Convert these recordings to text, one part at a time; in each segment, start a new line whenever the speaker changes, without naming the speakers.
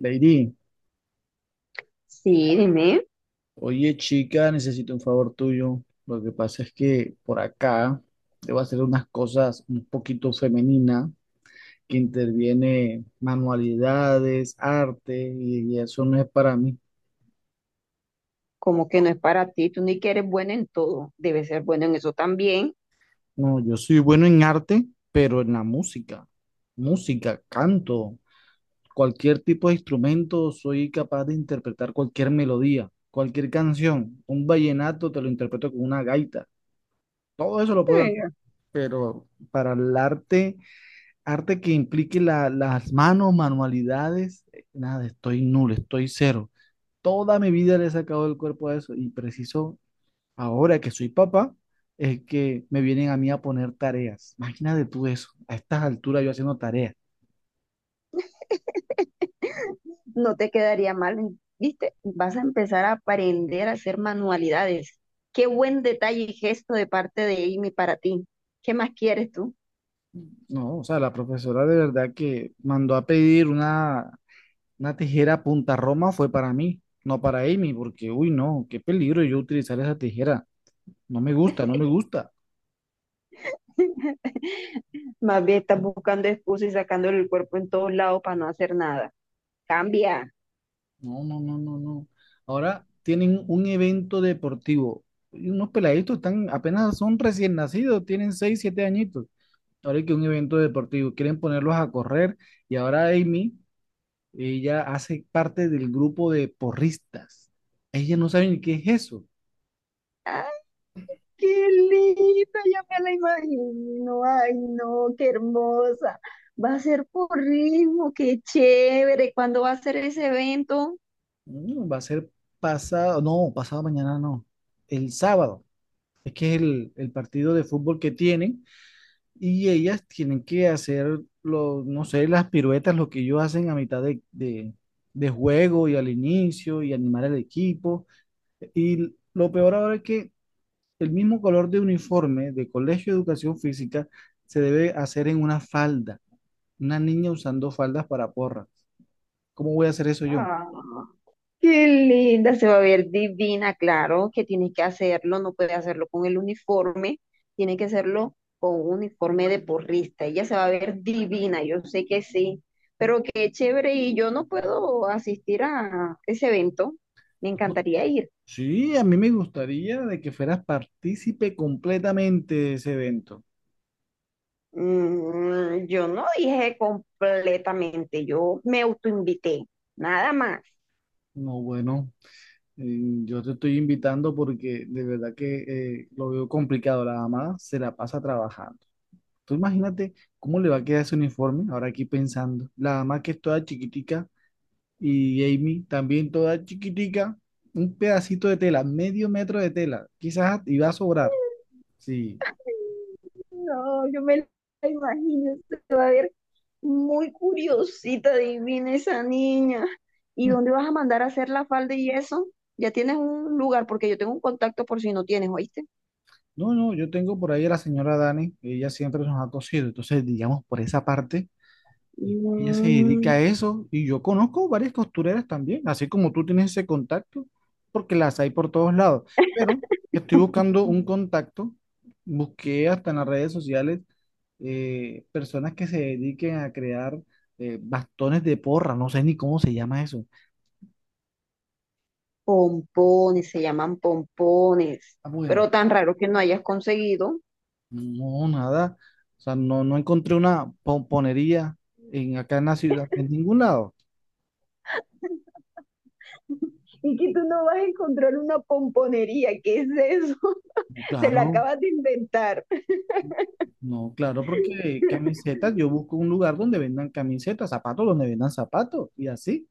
Lady,
Sí, dime.
oye chica, necesito un favor tuyo. Lo que pasa es que por acá debo hacer unas cosas un poquito femeninas que interviene manualidades, arte, y eso no es para mí.
Como que no es para ti, tú ni que eres buena en todo, debes ser bueno en eso también.
No, yo soy bueno en arte, pero en la música, música, canto, cualquier tipo de instrumento, soy capaz de interpretar cualquier melodía, cualquier canción. Un vallenato te lo interpreto con una gaita. Todo eso lo puedo hacer,
Eh,
pero para el arte, arte que implique las manos, manualidades, nada, estoy nulo, estoy cero. Toda mi vida le he sacado el cuerpo a eso y preciso, ahora que soy papá, es que me vienen a mí a poner tareas. Imagínate tú eso, a estas alturas yo haciendo tareas.
No te quedaría mal, ¿viste? Vas a empezar a aprender a hacer manualidades. Qué buen detalle y gesto de parte de Amy para ti. ¿Qué más quieres tú?
No, o sea, la profesora de verdad que mandó a pedir una tijera punta Roma fue para mí, no para Amy, porque, uy, no, qué peligro yo utilizar esa tijera. No me gusta, no me gusta.
Más bien estás buscando excusas y sacándole el cuerpo en todos lados para no hacer nada. Cambia.
No, no, no, no, no. Ahora tienen un evento deportivo. Y unos peladitos están, apenas son recién nacidos, tienen 6, 7 añitos. Ahora hay que un evento deportivo. Quieren ponerlos a correr. Y ahora Amy, ella hace parte del grupo de porristas. Ella no sabe ni qué es eso.
Qué linda, ya me la imagino. Ay, no, qué hermosa. Va a ser por ritmo, qué chévere. ¿Cuándo va a ser ese evento?
Va a ser pasado, no, pasado mañana no. El sábado. Es que es el partido de fútbol que tienen. Y ellas tienen que hacer, lo, no sé, las piruetas, lo que ellos hacen a mitad de juego y al inicio y animar al equipo. Y lo peor ahora es que el mismo color de uniforme de Colegio de Educación Física se debe hacer en una falda. Una niña usando faldas para porras. ¿Cómo voy a hacer eso yo?
Ah, qué linda, se va a ver divina, claro, que tiene que hacerlo, no puede hacerlo con el uniforme, tiene que hacerlo con un uniforme de porrista. Ella se va a ver divina, yo sé que sí, pero qué chévere y yo no puedo asistir a ese evento. Me
Ujú.
encantaría ir.
Sí, a mí me gustaría de que fueras partícipe completamente de ese evento.
Yo no dije completamente, yo me autoinvité, nada más.
No, bueno. Mm, yo te estoy invitando porque de verdad que lo veo complicado. La mamá se la pasa trabajando. Tú imagínate cómo le va a quedar ese uniforme ahora aquí pensando. La mamá que es toda chiquitica y Amy también toda chiquitica. Un pedacito de tela, medio metro de tela. Quizás iba a sobrar. Sí.
No, yo me la imagino, se va a ver muy curiosita, divina esa niña. ¿Y
Mm.
dónde vas a mandar a hacer la falda y eso? Ya tienes un lugar, porque yo tengo un contacto por si no tienes, ¿oíste?
No, no, yo tengo por ahí a la señora Dani. Ella siempre nos ha cosido. Entonces, digamos, por esa parte. Ella se dedica a
Mm,
eso y yo conozco varias costureras también, así como tú tienes ese contacto, porque las hay por todos lados. Pero estoy buscando un contacto, busqué hasta en las redes sociales personas que se dediquen a crear bastones de porra, no sé ni cómo se llama eso.
Pompones, se llaman pompones,
Ah, bueno,
pero tan raro que no hayas conseguido.
no, nada, o sea, no, no encontré una pomponería acá en la ciudad, en ningún lado.
Y que tú no vas a encontrar una pomponería, ¿qué es eso? Te la
Claro.
acabas de inventar.
No, claro, porque camisetas, yo busco un lugar donde vendan camisetas, zapatos donde vendan zapatos y así,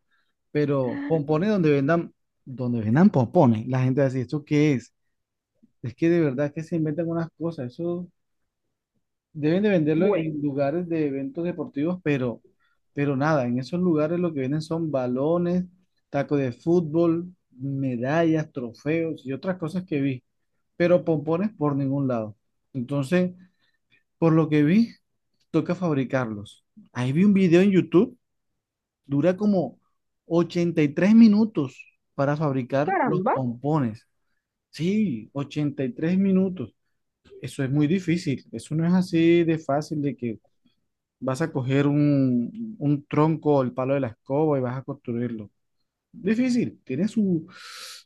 pero pompones donde vendan pompones. La gente va a decir, ¿esto qué es? Es que de verdad que se inventan unas cosas, eso deben de venderlo
Bueno,
en lugares de eventos deportivos, pero nada, en esos lugares lo que venden son balones, tacos de fútbol, medallas, trofeos y otras cosas que vi, pero pompones por ningún lado. Entonces, por lo que vi, toca fabricarlos. Ahí vi un video en YouTube, dura como 83 minutos para fabricar los
caramba.
pompones. Sí, 83 minutos. Eso es muy difícil. Eso no es así de fácil de que vas a coger un tronco o el palo de la escoba y vas a construirlo. Difícil, tiene su,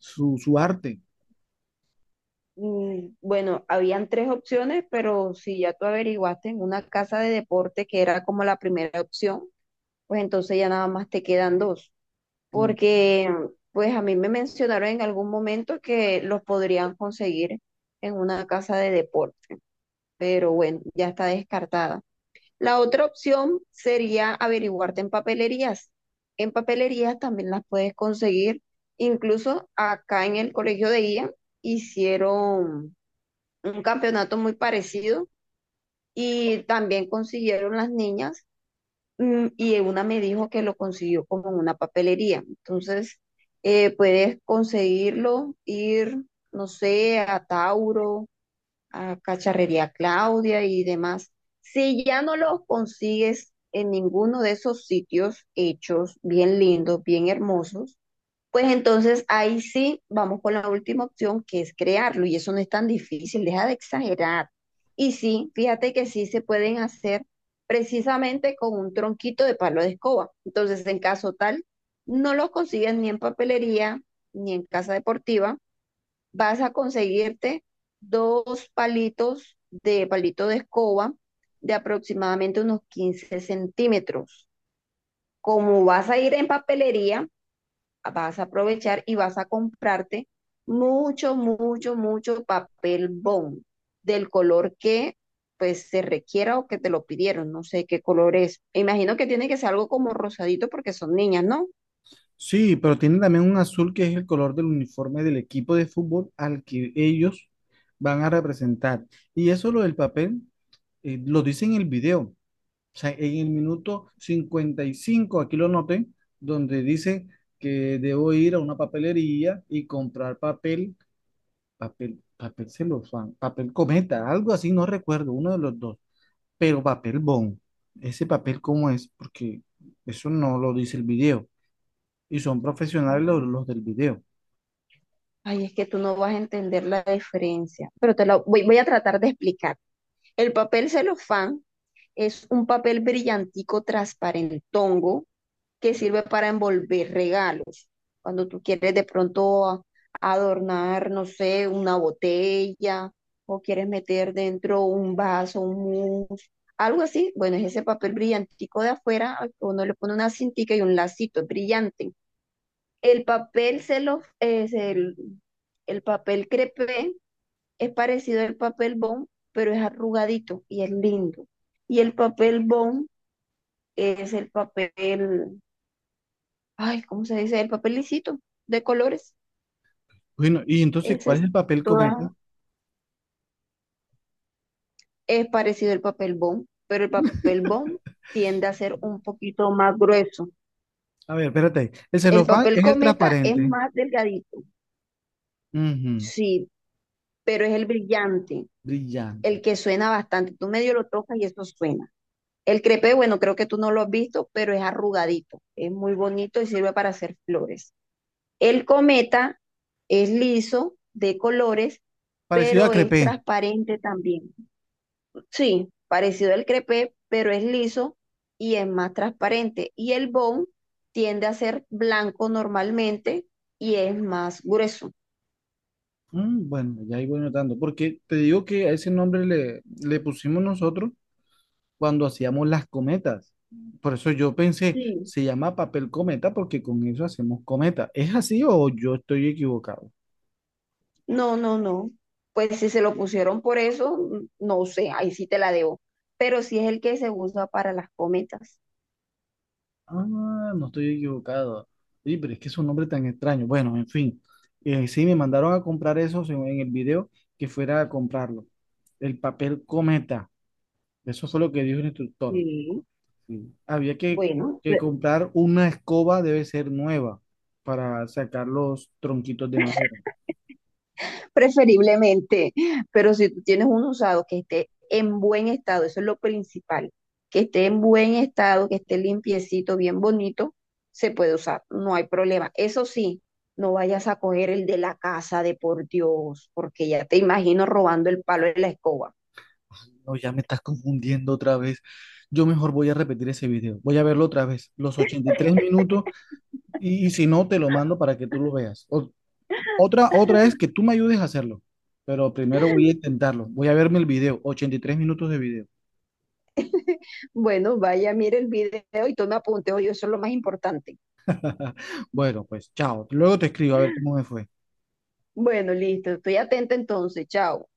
su, su arte.
Bueno, habían tres opciones, pero si ya tú averiguaste en una casa de deporte que era como la primera opción, pues entonces ya nada más te quedan dos. Porque pues a mí me mencionaron en algún momento que los podrían conseguir en una casa de deporte, pero bueno, ya está descartada. La otra opción sería averiguarte en papelerías. En papelerías también las puedes conseguir. Incluso acá en el colegio de IA hicieron un campeonato muy parecido y también consiguieron las niñas y una me dijo que lo consiguió como en una papelería. Entonces, puedes conseguirlo, ir, no sé, a Tauro, a Cacharrería Claudia y demás. Si ya no los consigues en ninguno de esos sitios hechos bien lindos, bien hermosos, pues entonces ahí sí vamos con la última opción que es crearlo y eso no es tan difícil, deja de exagerar. Y sí, fíjate que sí se pueden hacer precisamente con un tronquito de palo de escoba. Entonces, en caso tal, no los consigues ni en papelería, ni en casa deportiva, vas a conseguirte dos palitos de palito de escoba de aproximadamente unos 15 centímetros. Como vas a ir en papelería, vas a aprovechar y vas a comprarte mucho, mucho, mucho papel bond del color que pues se requiera o que te lo pidieron. No sé qué color es. Imagino que tiene que ser algo como rosadito porque son niñas, ¿no?
Sí, pero tiene también un azul que es el color del uniforme del equipo de fútbol al que ellos van a representar. Y eso lo del papel, lo dice en el video. O sea, en el minuto 55 aquí lo noté, donde dice que debo ir a una papelería y comprar papel celofán, papel cometa, algo así, no recuerdo, uno de los dos, pero papel bond. Ese papel, ¿cómo es? Porque eso no lo dice el video. Y son profesionales los del video.
Ay, es que tú no vas a entender la diferencia, pero te lo voy a tratar de explicar. El papel celofán es un papel brillantico transparentongo que sirve para envolver regalos. Cuando tú quieres de pronto adornar, no sé, una botella o quieres meter dentro un vaso, un mousse, algo así, bueno, es ese papel brillantico de afuera, al que uno le pone una cintica y un lacito es brillante. El papel celo, es el, el papel crepé es parecido al papel bond, pero es arrugadito y es lindo. Y el papel bond es el papel, ay, ¿cómo se dice? El papel lisito de colores.
Bueno, y entonces,
Ese
¿cuál es
es,
el papel
toda-
cometa?
es parecido al papel bond, pero el papel bond tiende a ser un poquito más grueso.
A ver, espérate. El
El
celofán
papel
es el
cometa es
transparente.
más delgadito,
Ujú.
sí, pero es el brillante,
Brillante.
el que suena bastante. Tú medio lo tocas y eso suena. El crepé, bueno, creo que tú no lo has visto, pero es arrugadito, es muy bonito y sirve para hacer flores. El cometa es liso, de colores,
Parecido a
pero es
crepé.
transparente también. Sí, parecido al crepé pero es liso y es más transparente. Y el bone tiende a ser blanco normalmente y es más grueso.
Mm, bueno, ya ahí voy notando. Porque te digo que a ese nombre le pusimos nosotros cuando hacíamos las cometas. Por eso yo pensé,
Sí.
se llama papel cometa porque con eso hacemos cometa. ¿Es así o yo estoy equivocado?
No, no, no. Pues si se lo pusieron por eso, no sé, ahí sí te la debo. Pero sí es el que se usa para las cometas.
Ah, no estoy equivocado. Sí, pero es que es un nombre tan extraño. Bueno, en fin. Sí, me mandaron a comprar eso según en el video, que fuera a comprarlo. El papel cometa. Eso fue lo que dijo el instructor.
Sí,
Sí.
bueno,
Que comprar una escoba, debe ser nueva, para sacar los tronquitos de madera.
preferiblemente, pero si tú tienes un usado que esté en buen estado, eso es lo principal, que esté en buen estado, que esté limpiecito, bien bonito, se puede usar, no hay problema. Eso sí, no vayas a coger el de la casa, de por Dios, porque ya te imagino robando el palo de la escoba.
No, ya me estás confundiendo otra vez. Yo mejor voy a repetir ese video. Voy a verlo otra vez, los 83 minutos, y si no, te lo mando para que tú lo veas. O Otra, otra es que tú me ayudes a hacerlo, pero primero voy a intentarlo. Voy a verme el video, 83 minutos de video.
Bueno, vaya, mire el video y toma apuntes, oye, eso es lo más importante.
Bueno, pues chao. Luego te escribo a ver cómo me fue.
Bueno, listo, estoy atenta entonces, chao.